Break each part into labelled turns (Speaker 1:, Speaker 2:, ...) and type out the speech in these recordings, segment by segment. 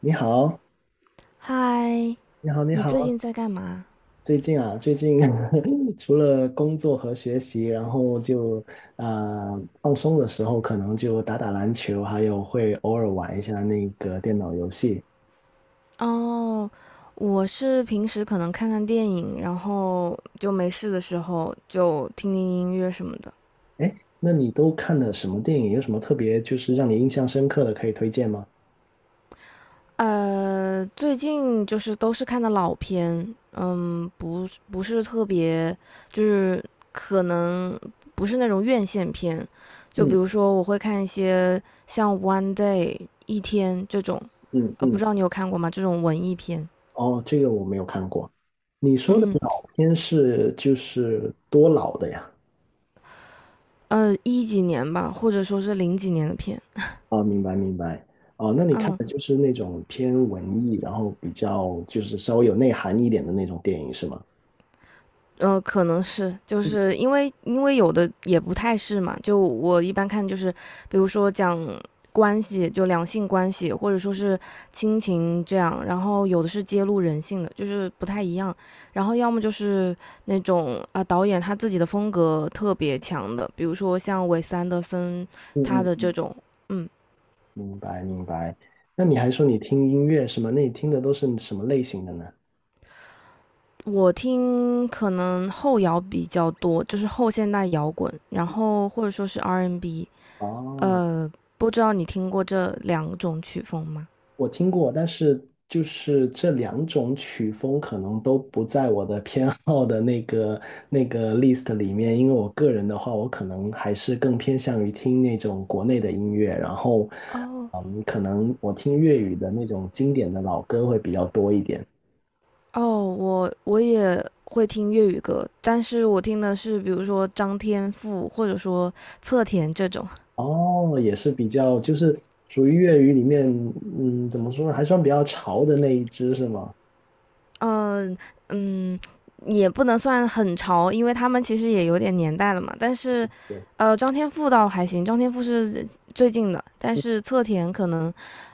Speaker 1: 你好，
Speaker 2: 嗨，
Speaker 1: 你好，你
Speaker 2: 你最
Speaker 1: 好。
Speaker 2: 近在干嘛？
Speaker 1: 最近 除了工作和学习，然后就啊、放松的时候，可能就打打篮球，还有会偶尔玩一下那个电脑游戏。
Speaker 2: 哦，我是平时可能看看电影，然后就没事的时候就听听音乐什么的。
Speaker 1: 哎，那你都看了什么电影？有什么特别就是让你印象深刻的可以推荐吗？
Speaker 2: 最近就是都是看的老片，不是特别，就是可能不是那种院线片，就比
Speaker 1: 嗯
Speaker 2: 如说我会看一些像《One Day》一天这种，
Speaker 1: 嗯
Speaker 2: 不
Speaker 1: 嗯，
Speaker 2: 知道你有看过吗？这种文艺片，
Speaker 1: 哦，这个我没有看过。你说的
Speaker 2: 嗯。
Speaker 1: 老片是就是多老的呀？
Speaker 2: 一几年吧，或者说是零几年的片，
Speaker 1: 哦，明白明白。哦，那你看
Speaker 2: 嗯。
Speaker 1: 的就是那种偏文艺，然后比较就是稍微有内涵一点的那种电影是吗？
Speaker 2: 可能是，就是因为有的也不太是嘛，就我一般看就是，比如说讲关系，就两性关系，或者说是亲情这样，然后有的是揭露人性的，就是不太一样，然后要么就是那种导演他自己的风格特别强的，比如说像韦斯安德森他
Speaker 1: 嗯
Speaker 2: 的
Speaker 1: 嗯。
Speaker 2: 这种，嗯。
Speaker 1: 明白明白。那你还说你听音乐是吗？那你听的都是什么类型的呢？
Speaker 2: 我听可能后摇比较多，就是后现代摇滚，然后或者说是 R&B N。
Speaker 1: 哦，
Speaker 2: 不知道你听过这两种曲风吗？
Speaker 1: 我听过，但是就是这两种曲风可能都不在我的偏好的那个list 里面，因为我个人的话，我可能还是更偏向于听那种国内的音乐，然后，
Speaker 2: 哦
Speaker 1: 嗯，可能我听粤语的那种经典的老歌会比较多一点。
Speaker 2: 哦，我也会听粤语歌，但是我听的是比如说张天赋或者说侧田这种。
Speaker 1: 哦，也是比较就是属于粤语里面，嗯，怎么说呢，还算比较潮的那一支是吗？
Speaker 2: 嗯嗯，也不能算很潮，因为他们其实也有点年代了嘛。但是，张天赋倒还行，张天赋是最近的，但是侧田可能，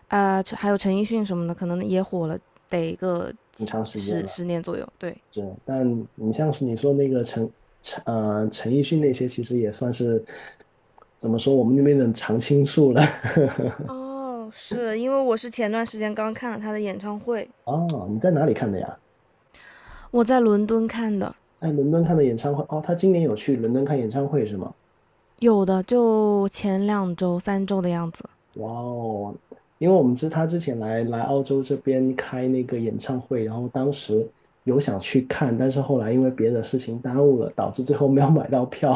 Speaker 2: 还有陈奕迅什么的，可能也火了得个
Speaker 1: 挺长时间
Speaker 2: 十
Speaker 1: 了。
Speaker 2: 十年左右。对，
Speaker 1: 是，但你像是你说那个陈奕迅那些，其实也算是怎么说我们那边的常青树了。
Speaker 2: 哦，是因为我是前段时间刚看了他的演唱会，
Speaker 1: 哦，你在哪里看的呀？
Speaker 2: 我在伦敦看的，
Speaker 1: 在伦敦看的演唱会。哦，他今年有去伦敦看演唱会是吗？
Speaker 2: 有的就前2周、3周的样子。
Speaker 1: 哇哦，因为我们知他之前来澳洲这边开那个演唱会，然后当时有想去看，但是后来因为别的事情耽误了，导致最后没有买到票，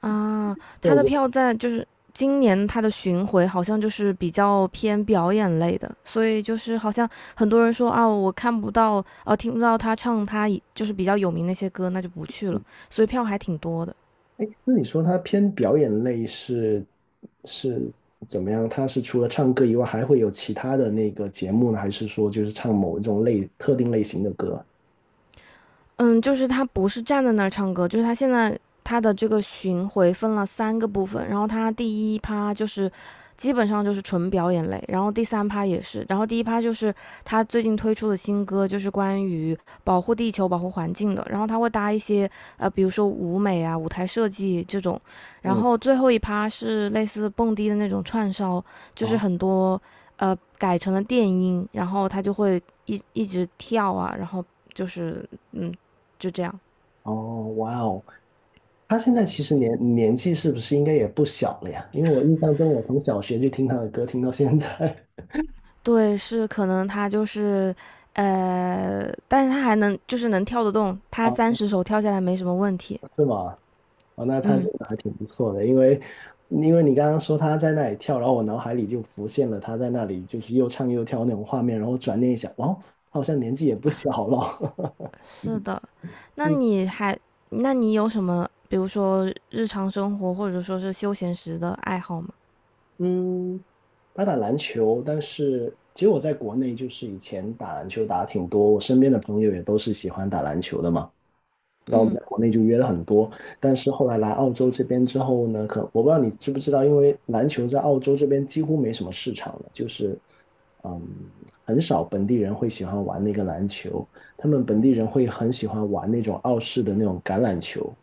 Speaker 2: 啊，他
Speaker 1: 错
Speaker 2: 的
Speaker 1: 过。
Speaker 2: 票在就是今年他的巡回好像就是比较偏表演类的，所以就是好像很多人说啊，我看不到，听不到他唱他以就是比较有名那些歌，那就不去了，所以票还挺多的。
Speaker 1: 哎，那你说他偏表演类是怎么样？他是除了唱歌以外，还会有其他的那个节目呢？还是说就是唱某一种类特定类型的歌？
Speaker 2: 嗯，就是他不是站在那儿唱歌，就是他现在他的这个巡回分了三个部分，然后他第一趴就是基本上就是纯表演类，然后第三趴也是，然后第一趴就是他最近推出的新歌，就是关于保护地球、保护环境的，然后他会搭一些比如说舞美啊、舞台设计这种，然
Speaker 1: 嗯，
Speaker 2: 后最后一趴是类似蹦迪的那种串烧，就是
Speaker 1: 啊
Speaker 2: 很多改成了电音，然后他就会一直跳啊，然后。就是嗯，就这样。
Speaker 1: 哦，哇哦，他现在其实年纪是不是应该也不小了呀？因为我印象中，我从小学就听他的歌，听到现在。
Speaker 2: 对，是可能他就是，但是他还能就是能跳得动，他
Speaker 1: 啊，
Speaker 2: 30首跳下来没什么问题。
Speaker 1: 是吗？哦，那他这
Speaker 2: 嗯，
Speaker 1: 个还挺不错的，因为你刚刚说他在那里跳，然后我脑海里就浮现了他在那里就是又唱又跳那种画面，然后转念一想，哇，他好像年纪也不小了。
Speaker 2: 是的。那你还，那你有什么，比如说日常生活或者说是休闲时的爱好吗？
Speaker 1: 嗯，他打篮球，但是其实我在国内就是以前打篮球打得挺多，我身边的朋友也都是喜欢打篮球的嘛。然后我们
Speaker 2: 嗯，
Speaker 1: 在国内就约了很多，但是后来来澳洲这边之后呢，可我不知道你知不知道，因为篮球在澳洲这边几乎没什么市场了，就是嗯，很少本地人会喜欢玩那个篮球，他们本地人会很喜欢玩那种澳式的那种橄榄球。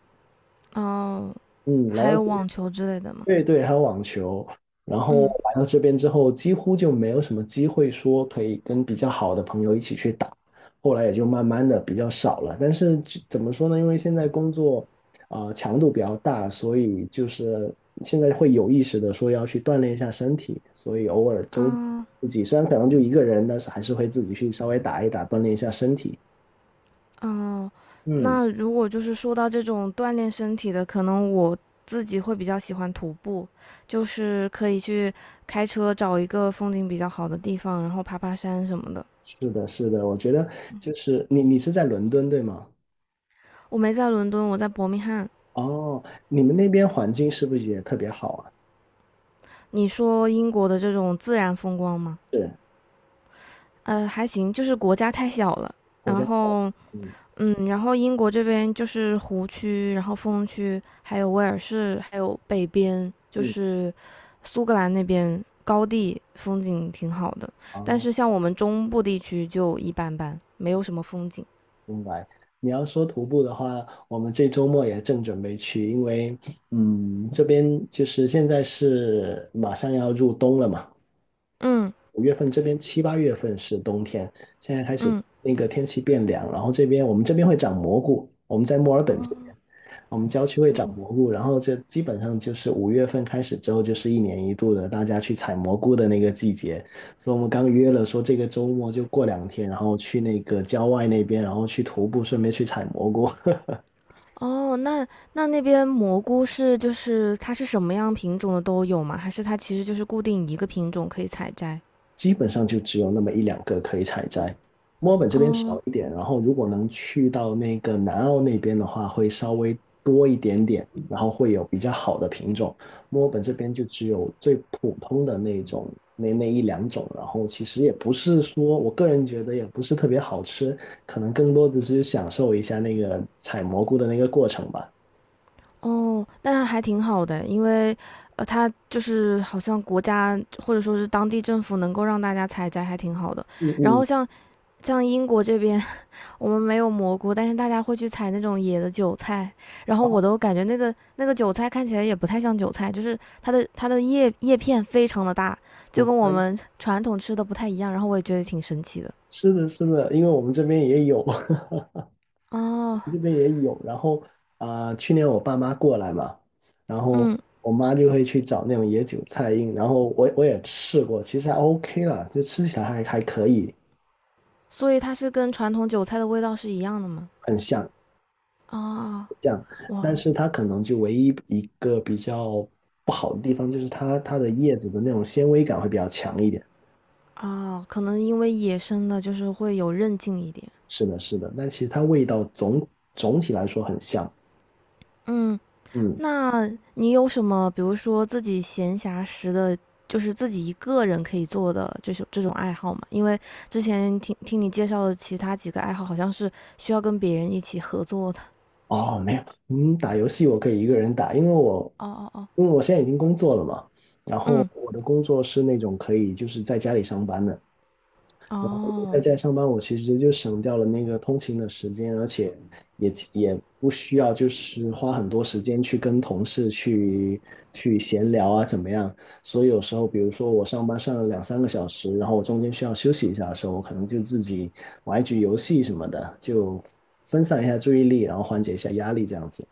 Speaker 2: 哦，
Speaker 1: 嗯，来
Speaker 2: 还有
Speaker 1: 到，
Speaker 2: 网球之类的吗？
Speaker 1: 对对，还有网球。然后
Speaker 2: 嗯，
Speaker 1: 来到这边之后，几乎就没有什么机会说可以跟比较好的朋友一起去打，后来也就慢慢的比较少了。但是这怎么说呢？因为现在工作强度比较大，所以就是现在会有意识的说要去锻炼一下身体，所以偶尔周
Speaker 2: 啊、
Speaker 1: 自己虽然可能就一个人，但是还是会自己去稍微打一打，锻炼一下身体。
Speaker 2: 哦，
Speaker 1: 嗯，
Speaker 2: 那如果就是说到这种锻炼身体的，可能我自己会比较喜欢徒步，就是可以去开车找一个风景比较好的地方，然后爬爬山什么的。
Speaker 1: 是的，是的，我觉得就是你是在伦敦对吗？
Speaker 2: 我没在伦敦，我在伯明翰。
Speaker 1: 哦，你们那边环境是不是也特别好啊？
Speaker 2: 你说英国的这种自然风光吗？
Speaker 1: 是，
Speaker 2: 还行，就是国家太小了，
Speaker 1: 我家
Speaker 2: 然
Speaker 1: 想，
Speaker 2: 后
Speaker 1: 嗯
Speaker 2: 然后英国这边就是湖区，然后风区，还有威尔士，还有北边，就
Speaker 1: 嗯，
Speaker 2: 是苏格兰那边高地风景挺好的，但
Speaker 1: 哦，
Speaker 2: 是像我们中部地区就一般般，没有什么风景。
Speaker 1: 明白。你要说徒步的话，我们这周末也正准备去，因为嗯，这边就是现在是马上要入冬了嘛，
Speaker 2: 嗯
Speaker 1: 五月份这边七八月份是冬天，现在开始
Speaker 2: 嗯，
Speaker 1: 那个天气变凉，然后这边我们这边会长蘑菇，我们在墨尔
Speaker 2: 哦
Speaker 1: 本这边。我们郊区会长蘑菇，然后这基本上就是五月份开始之后，就是一年一度的大家去采蘑菇的那个季节。所以我们刚约了说这个周末就过两天，然后去那个郊外那边，然后去徒步，顺便去采蘑菇。
Speaker 2: 哦，那那边蘑菇是就是它是什么样品种的都有吗？还是它其实就是固定一个品种可以采摘？
Speaker 1: 基本上就只有那么一两个可以采摘。墨尔本这边少
Speaker 2: 哦
Speaker 1: 一点，然后如果能去到那个南澳那边的话，会稍微多一点点，然后会有比较好的品种。墨尔本这边就只有最普通的那种，那一两种，然后其实也不是说，我个人觉得也不是特别好吃，可能更多的只是享受一下那个采蘑菇的那个过程吧。
Speaker 2: 哦，那还挺好的，因为它就是好像国家或者说是当地政府能够让大家采摘，还挺好的。
Speaker 1: 嗯
Speaker 2: 然
Speaker 1: 嗯，
Speaker 2: 后像英国这边，我们没有蘑菇，但是大家会去采那种野的韭菜，然后我都感觉那个韭菜看起来也不太像韭菜，就是它的叶片非常的大，就
Speaker 1: 很
Speaker 2: 跟我
Speaker 1: 快，
Speaker 2: 们传统吃的不太一样。然后我也觉得挺神奇的。
Speaker 1: 是的，是的，因为我们这边也有。
Speaker 2: 哦，
Speaker 1: 这边也有，然后去年我爸妈过来嘛，然后
Speaker 2: 嗯，
Speaker 1: 我妈就会去找那种野韭菜印，然后我也试过，其实还 OK 啦，就吃起来还可以，
Speaker 2: 所以它是跟传统韭菜的味道是一样的吗？
Speaker 1: 很像
Speaker 2: 啊、
Speaker 1: 像，
Speaker 2: 哇，
Speaker 1: 但是它可能就唯一一个比较不好的地方就是它的叶子的那种纤维感会比较强一点，
Speaker 2: 啊，可能因为野生的就是会有韧劲一点。
Speaker 1: 是的，是的，但其实它味道总体来说很像，
Speaker 2: 嗯，
Speaker 1: 嗯。
Speaker 2: 那你有什么，比如说自己闲暇时的，就是自己一个人可以做的这种爱好吗？因为之前听听你介绍的其他几个爱好，好像是需要跟别人一起合作的。
Speaker 1: 哦，没有，嗯，打游戏我可以一个人打，
Speaker 2: 哦哦哦，
Speaker 1: 因为我现在已经工作了嘛，然后
Speaker 2: 嗯，
Speaker 1: 我的工作是那种可以就是在家里上班的，然后因为在
Speaker 2: 哦，
Speaker 1: 家上班，我其实就省掉了那个通勤的时间，而且也不需要就是花很多时间去跟同事去闲聊啊，怎么样？所以有时候，比如说我上班上了两三个小时，然后我中间需要休息一下的时候，我可能就自己玩一局游戏什么的，就分散一下注意力，然后缓解一下压力这样子。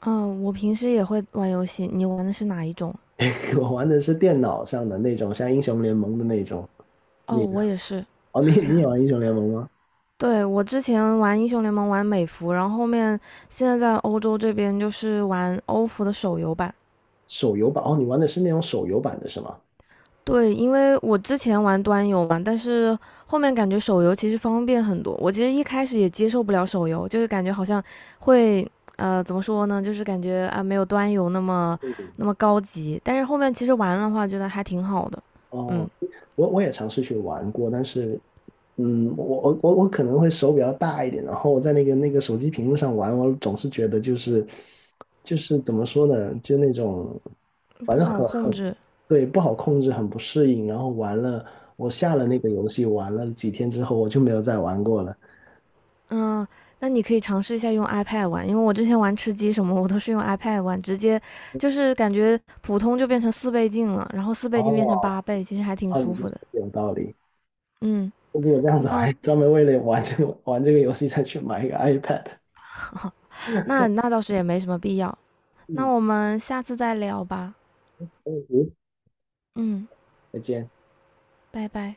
Speaker 2: 嗯，我平时也会玩游戏，你玩的是哪一种？
Speaker 1: 我玩的是电脑上的那种，像英雄联盟的那种。
Speaker 2: 哦，
Speaker 1: 你
Speaker 2: 我也是。
Speaker 1: 哦，你也玩英雄联盟吗？
Speaker 2: 对，我之前玩英雄联盟玩美服，然后后面现在在欧洲这边就是玩欧服的手游版。
Speaker 1: 手游版哦，你玩的是那种手游版的是吗？
Speaker 2: 对，因为我之前玩端游嘛，但是后面感觉手游其实方便很多。我其实一开始也接受不了手游，就是感觉好像会怎么说呢，就是感觉啊没有端游那么高级。但是后面其实玩的话，觉得还挺好的，
Speaker 1: 哦，
Speaker 2: 嗯，
Speaker 1: 我也尝试去玩过，但是，嗯，我可能会手比较大一点，然后我在那个手机屏幕上玩，我总是觉得就是怎么说呢，就那种
Speaker 2: 不
Speaker 1: 反正
Speaker 2: 好
Speaker 1: 很
Speaker 2: 控
Speaker 1: 很
Speaker 2: 制。
Speaker 1: 对，不好控制，很不适应。然后玩了，我下了那个游戏，玩了几天之后，我就没有再玩过了。
Speaker 2: 嗯，那你可以尝试一下用 iPad 玩，因为我之前玩吃鸡什么，我都是用 iPad 玩，直接就是感觉普通就变成四倍镜了，然后四倍镜变成
Speaker 1: 哦，
Speaker 2: 8倍，其实还挺
Speaker 1: 那你
Speaker 2: 舒
Speaker 1: 说
Speaker 2: 服的。
Speaker 1: 的有道理。
Speaker 2: 嗯，
Speaker 1: 那如果这样子，我
Speaker 2: 那我
Speaker 1: 还专门为了玩这个游戏再去买一个 iPad。
Speaker 2: 那倒是也没什么必要，那
Speaker 1: 嗯，
Speaker 2: 我们下次再聊吧。
Speaker 1: 嗯，
Speaker 2: 嗯，
Speaker 1: 再见。
Speaker 2: 拜拜。